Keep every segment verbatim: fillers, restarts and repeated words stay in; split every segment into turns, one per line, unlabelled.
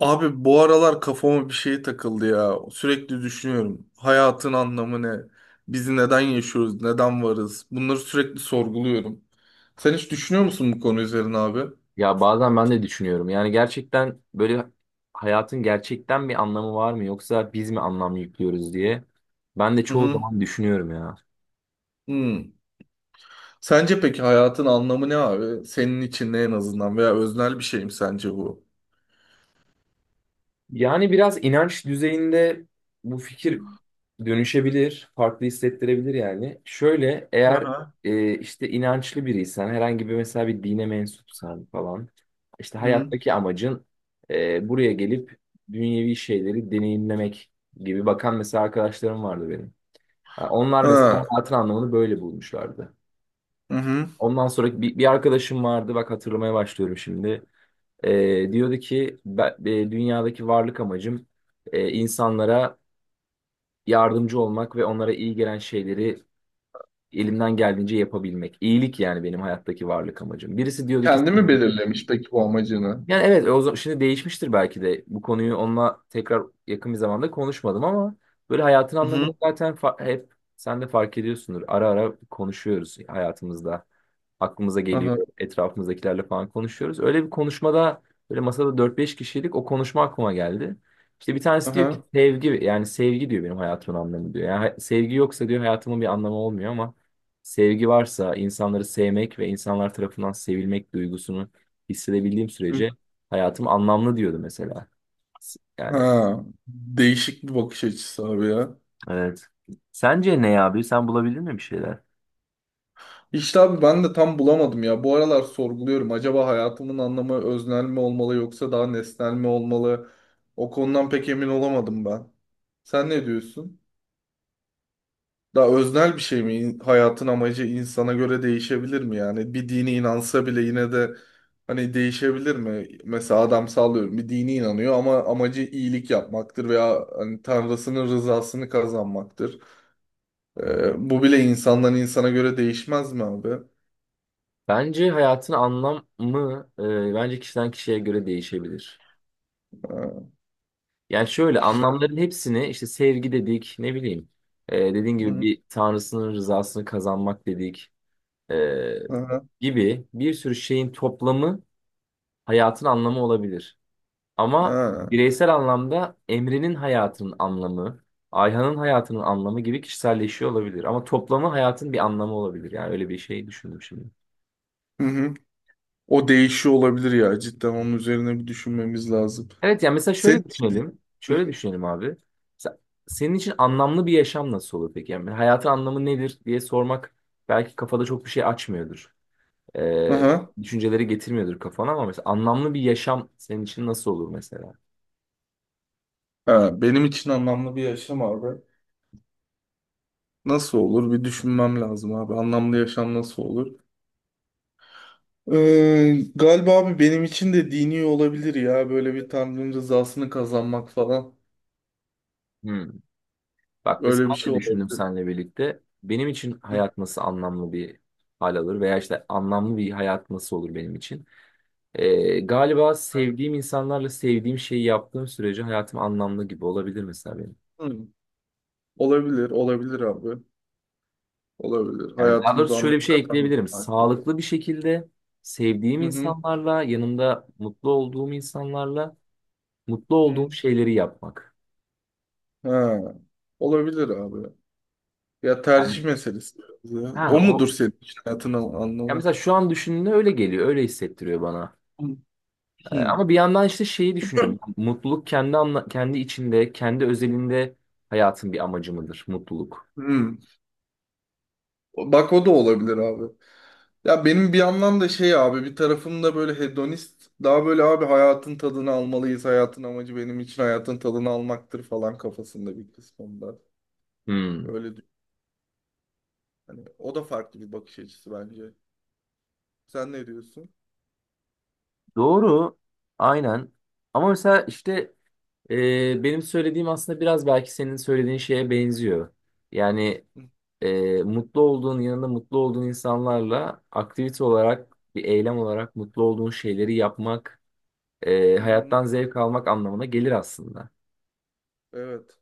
Abi bu aralar kafama bir şey takıldı ya. Sürekli düşünüyorum. Hayatın anlamı ne? Biz neden yaşıyoruz? Neden varız? Bunları sürekli sorguluyorum. Sen hiç düşünüyor musun bu konu üzerine abi?
Ya bazen ben de düşünüyorum. Yani gerçekten böyle hayatın gerçekten bir anlamı var mı yoksa biz mi anlam yüklüyoruz diye. Ben de
Hı
çoğu
hı.
zaman düşünüyorum ya.
Hmm. Sence peki hayatın anlamı ne abi? Senin için ne en azından veya öznel bir şey mi sence bu?
Yani biraz inanç düzeyinde bu fikir dönüşebilir, farklı hissettirebilir yani. Şöyle
Hı
eğer
hı.
e, işte inançlı biriysen, herhangi bir mesela bir dine mensupsan falan, işte
Hı hı.
hayattaki amacın e, buraya gelip dünyevi şeyleri deneyimlemek gibi bakan mesela arkadaşlarım vardı benim. Ha, onlar mesela
Ha.
hayatın anlamını böyle bulmuşlardı.
Hı hı.
Ondan sonra bir, bir arkadaşım vardı bak hatırlamaya başlıyorum şimdi. Ee, diyordu ki ben, e, dünyadaki varlık amacım e, insanlara yardımcı olmak ve onlara iyi gelen şeyleri elimden geldiğince yapabilmek. İyilik yani benim hayattaki varlık amacım. Birisi diyordu ki
Kendi mi
sevmek.
belirlemiş peki bu amacını?
Yani evet o zaman şimdi değişmiştir belki de. Bu konuyu onunla tekrar yakın bir zamanda konuşmadım ama böyle hayatın
Hı hı.
anlamını zaten fa- hep sen de fark ediyorsundur. Ara ara konuşuyoruz hayatımızda. Aklımıza
Hı
geliyor,
hı.
etrafımızdakilerle falan konuşuyoruz. Öyle bir konuşmada böyle masada dört beş kişilik o konuşma aklıma geldi. İşte bir
Hı
tanesi diyor ki
hı.
sevgi, yani sevgi diyor benim hayatımın anlamı diyor. Yani ha- sevgi yoksa diyor hayatımın bir anlamı olmuyor ama sevgi varsa insanları sevmek ve insanlar tarafından sevilmek duygusunu hissedebildiğim sürece hayatım anlamlı diyordu mesela. S- Yani
Ha. Değişik bir bakış açısı abi ya.
evet. Sence ne abi? Sen bulabildin mi bir şeyler?
İşte abi ben de tam bulamadım ya. Bu aralar sorguluyorum. Acaba hayatımın anlamı öznel mi olmalı yoksa daha nesnel mi olmalı? O konudan pek emin olamadım ben. Sen ne diyorsun? Daha öznel bir şey mi? İn- Hayatın amacı insana göre değişebilir mi yani? Bir dini inansa bile yine de hani değişebilir mi? Mesela adam sallıyorum bir dini inanıyor ama amacı iyilik yapmaktır veya hani Tanrısının rızasını kazanmaktır. Ee, bu bile insandan insana göre değişmez mi abi?
Bence hayatın anlamı, e, bence kişiden kişiye göre değişebilir.
Ee,
Yani şöyle
Kişiler.
anlamların hepsini işte sevgi dedik, ne bileyim, e, dediğin gibi bir tanrısının rızasını kazanmak dedik, e,
Aha,
gibi bir sürü şeyin toplamı hayatın anlamı olabilir. Ama
ha.
bireysel anlamda Emre'nin hayatının anlamı, Ayhan'ın hayatının anlamı gibi kişiselleşiyor olabilir. Ama toplamı hayatın bir anlamı olabilir. Yani öyle bir şey düşündüm şimdi.
Hı hı. O değişiyor olabilir ya. Cidden onun üzerine bir düşünmemiz lazım.
Evet yani mesela
sen
şöyle düşünelim. Şöyle düşünelim abi. Mesela senin için anlamlı bir yaşam nasıl olur peki? Yani hayatın anlamı nedir diye sormak belki kafada çok bir şey açmıyordur. Ee,
aha.
düşünceleri getirmiyordur kafana ama mesela anlamlı bir yaşam senin için nasıl olur mesela?
Ha, benim için anlamlı bir yaşam abi. Nasıl olur? Bir düşünmem lazım abi. Anlamlı yaşam nasıl olur? Ee, galiba abi benim için de dini olabilir ya. Böyle bir Tanrı'nın rızasını kazanmak falan.
Hmm. Bak mesela
Öyle bir
ben
şey
de düşündüm
olabilir.
seninle birlikte. Benim için
Hı.
hayat nasıl anlamlı bir hal alır veya işte anlamlı bir hayat nasıl olur benim için. Ee, galiba sevdiğim insanlarla sevdiğim şeyi yaptığım sürece hayatım anlamlı gibi olabilir mesela benim.
Hı. Olabilir, olabilir abi. Olabilir.
Yani daha
Hayatımıza
doğrusu şöyle bir
anlam
şey
katan bir
ekleyebilirim.
konu.
Sağlıklı bir şekilde sevdiğim
Hı hı.
insanlarla, yanımda mutlu olduğum insanlarla mutlu olduğum
Hı.
şeyleri yapmak.
Ha, olabilir abi. Ya tercih
Yani
meselesi. biraz ya.
ha
O mudur
o,
senin için hayatın an-
ya
anlamı?
mesela şu an düşündüğümde öyle geliyor, öyle hissettiriyor bana. Ee,
Hmm.
Ama bir yandan işte şeyi düşünüyorum. Mutluluk kendi anla- kendi içinde, kendi özelinde hayatın bir amacı mıdır mutluluk?
Hmm. Bak o da olabilir abi. Ya benim bir yandan da şey abi, bir tarafım da böyle hedonist. Daha böyle abi hayatın tadını almalıyız. Hayatın amacı benim için hayatın tadını almaktır falan kafasında bir kısmında.
Hmm.
Öyle düşün. Hani o da farklı bir bakış açısı bence. Sen ne diyorsun?
Doğru. Aynen. Ama mesela işte e, benim söylediğim aslında biraz belki senin söylediğin şeye benziyor. Yani
Hı
e, mutlu olduğun yanında mutlu olduğun insanlarla aktivite olarak bir eylem olarak mutlu olduğun şeyleri yapmak, e,
hı. Hı.
hayattan zevk almak anlamına gelir aslında.
Evet.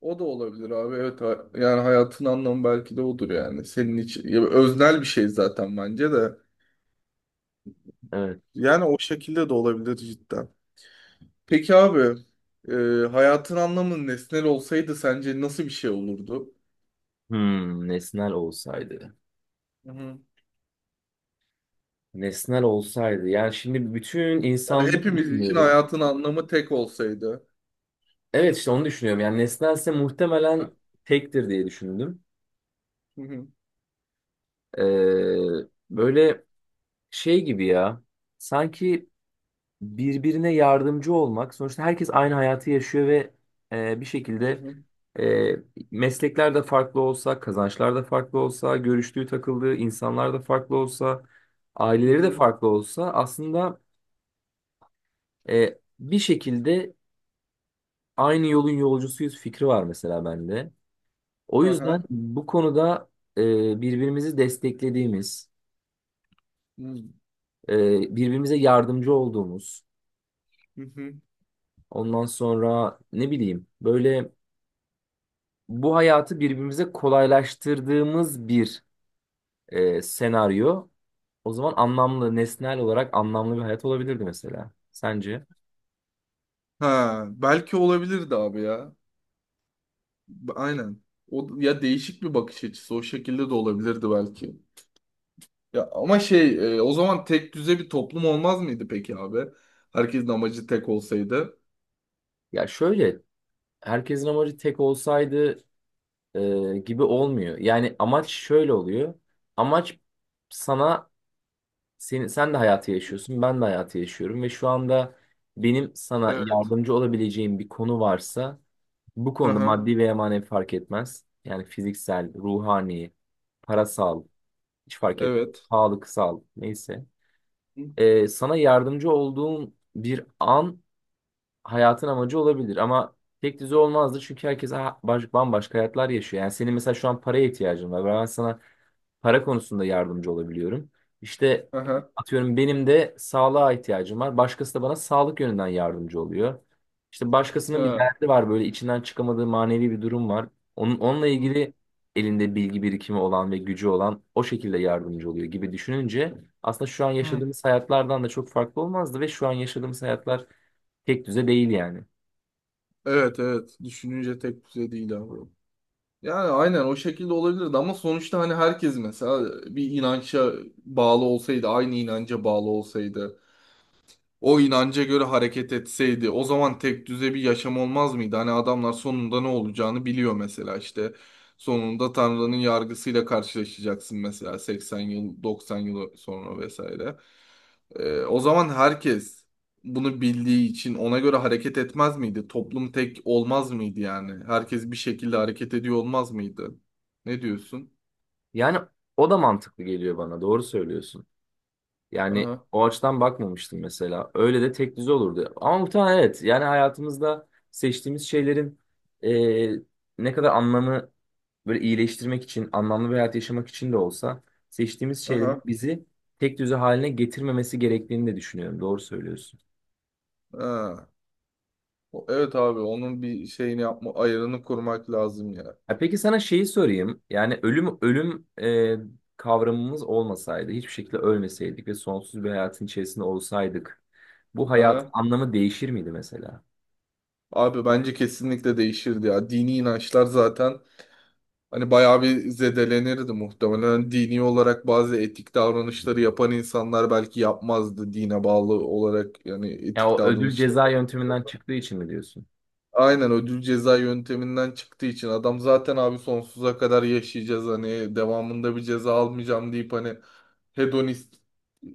O da olabilir abi. Evet, ha- yani hayatın anlamı belki de odur yani. Senin için ya öznel bir şey zaten bence de.
Evet.
Yani o şekilde de olabilir cidden. Peki abi, e, hayatın anlamı nesnel olsaydı sence nasıl bir şey olurdu?
Hmm, nesnel olsaydı.
Hı hı.
Nesnel olsaydı. Yani şimdi bütün
Yani
insanlığı
hepimiz için
düşünüyorum.
hayatın anlamı tek olsaydı.
Evet işte onu düşünüyorum. Yani nesnelse
Ha?
muhtemelen tektir diye düşündüm.
Hı hı.
Ee, böyle şey gibi ya. Sanki birbirine yardımcı olmak. Sonuçta herkes aynı hayatı yaşıyor ve e, bir
Hı
şekilde
hı.
e, meslekler de farklı olsa, kazançlar da farklı olsa, görüştüğü takıldığı insanlar da farklı olsa,
Hı
aileleri de
hı.
farklı olsa aslında e, bir şekilde aynı yolun yolcusuyuz fikri var mesela bende. O yüzden
Aha.
bu konuda e, birbirimizi desteklediğimiz,
Hı
e, birbirimize yardımcı olduğumuz,
hı.
ondan sonra ne bileyim böyle bu hayatı birbirimize kolaylaştırdığımız bir e, senaryo. O zaman anlamlı, nesnel olarak anlamlı bir hayat olabilirdi mesela. Sence?
Ha, belki olabilirdi abi ya. B- Aynen. O ya, değişik bir bakış açısı, o şekilde de olabilirdi belki. Ya ama şey, e, o zaman tek düze bir toplum olmaz mıydı peki abi? Herkesin amacı tek olsaydı.
Ya şöyle, herkesin amacı tek olsaydı e, gibi olmuyor. Yani amaç şöyle oluyor. Amaç sana senin, sen de hayatı yaşıyorsun, ben de hayatı yaşıyorum ve şu anda benim sana
Evet.
yardımcı olabileceğim bir konu varsa bu
Hı
konuda
hı.
maddi veya manevi fark etmez. Yani fiziksel, ruhani, parasal hiç fark etmez.
Evet.
Sağlıksal neyse. Ee, sana yardımcı olduğum bir an hayatın amacı olabilir ama tek düze olmazdı çünkü herkes ha- baş- bambaşka hayatlar yaşıyor. Yani senin mesela şu an paraya ihtiyacın var. Ben sana para konusunda yardımcı olabiliyorum. İşte
Aha.
atıyorum benim de sağlığa ihtiyacım var. Başkası da bana sağlık yönünden yardımcı oluyor. İşte başkasının bir
Ha.
derdi var, böyle içinden çıkamadığı manevi bir durum var. Onun, onunla
Hı.
ilgili elinde bilgi birikimi olan ve gücü olan o şekilde yardımcı oluyor gibi düşününce aslında şu an
Hı.
yaşadığımız hayatlardan da çok farklı olmazdı ve şu an yaşadığımız hayatlar tek düze değil yani.
Evet, evet. Düşününce tek düze değil abi. Yani aynen o şekilde olabilirdi ama sonuçta hani herkes mesela bir inanca bağlı olsaydı, aynı inanca bağlı olsaydı, o inanca göre hareket etseydi o zaman tek düze bir yaşam olmaz mıydı? Hani adamlar sonunda ne olacağını biliyor mesela işte. Sonunda Tanrı'nın yargısıyla karşılaşacaksın mesela seksen yıl, doksan yıl sonra vesaire. Ee, o zaman herkes bunu bildiği için ona göre hareket etmez miydi? Toplum tek olmaz mıydı yani? Herkes bir şekilde hareket ediyor olmaz mıydı? Ne diyorsun?
Yani o da mantıklı geliyor bana, doğru söylüyorsun. Yani
Aha,
o açıdan bakmamıştım mesela. Öyle de tek düze olurdu. Ama muhtemelen evet. Yani hayatımızda seçtiğimiz şeylerin eee, ne kadar anlamı böyle iyileştirmek için, anlamlı bir hayat yaşamak için de olsa seçtiğimiz şeylerin
aha,
bizi tek düze haline getirmemesi gerektiğini de düşünüyorum. Doğru söylüyorsun.
aha. O- Evet abi, onun bir şeyini yapma, ayarını kurmak lazım ya.
Ha, peki sana şeyi sorayım. Yani ölüm ölüm eee, kavramımız olmasaydı, hiçbir şekilde ölmeseydik ve sonsuz bir hayatın içerisinde olsaydık, bu hayatın
Aha.
anlamı değişir miydi mesela?
Abi bence kesinlikle değişirdi ya. Dini inançlar zaten hani bayağı bir zedelenirdi muhtemelen. Hani dini olarak bazı etik davranışları yapan insanlar belki yapmazdı dine bağlı olarak, yani
Ya
etik
o ödül
davranışları.
ceza yönteminden çıktığı için mi diyorsun?
Aynen, ödül ceza yönteminden çıktığı için adam zaten abi sonsuza kadar yaşayacağız, hani devamında bir ceza almayacağım deyip hani hedonist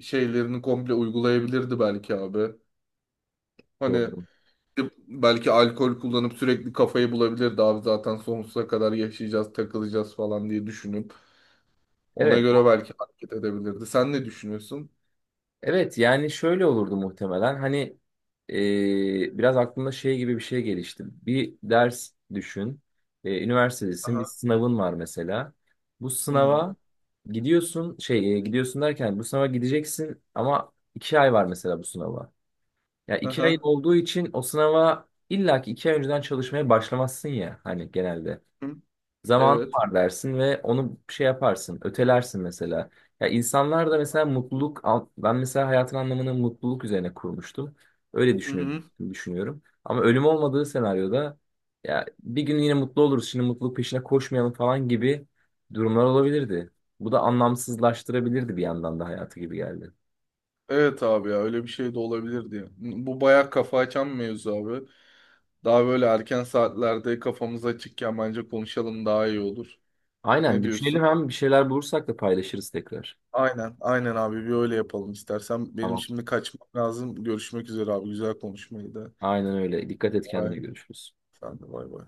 şeylerini komple uygulayabilirdi belki abi. Hani
Doğru.
belki alkol kullanıp sürekli kafayı bulabilirdi abi, zaten sonsuza kadar yaşayacağız, takılacağız falan diye düşünüp. Ona
Evet.
göre belki hareket edebilirdi. Sen ne düşünüyorsun?
Evet yani şöyle olurdu muhtemelen. Hani e, biraz aklımda şey gibi bir şey gelişti. Bir ders düşün. E, üniversitedesin. Bir
Aha.
sınavın var mesela. Bu
Hı hı.
sınava gidiyorsun şey e, gidiyorsun derken bu sınava gideceksin ama iki ay var mesela bu sınava. Ya iki ayın
Aha.
olduğu için o sınava illaki iki ay önceden çalışmaya başlamazsın ya hani genelde.
Hı.
Zamanın
Evet.
var dersin ve onu şey yaparsın, ötelersin mesela. Ya insanlar da mesela mutluluk, al- ben mesela hayatın anlamını mutluluk üzerine kurmuştum. Öyle
Hı
düşünüyorum,
hı.
düşünüyorum. Ama ölüm olmadığı senaryoda ya bir gün yine mutlu oluruz, şimdi mutluluk peşine koşmayalım falan gibi durumlar olabilirdi. Bu da anlamsızlaştırabilirdi bir yandan da hayatı gibi geldi.
Evet abi ya, öyle bir şey de olabilir diye. Bu bayağı kafa açan bir mevzu abi. Daha böyle erken saatlerde kafamız açıkken bence konuşalım, daha iyi olur. Ne
Aynen
diyorsun?
düşünelim, hem bir şeyler bulursak da paylaşırız tekrar.
Aynen, aynen abi, bir öyle yapalım istersen. Benim
Tamam.
şimdi kaçmam lazım. Görüşmek üzere abi. Güzel konuşmaydı.
Aynen öyle. Dikkat et kendine,
Bye.
görüşürüz.
Sen de bay bay.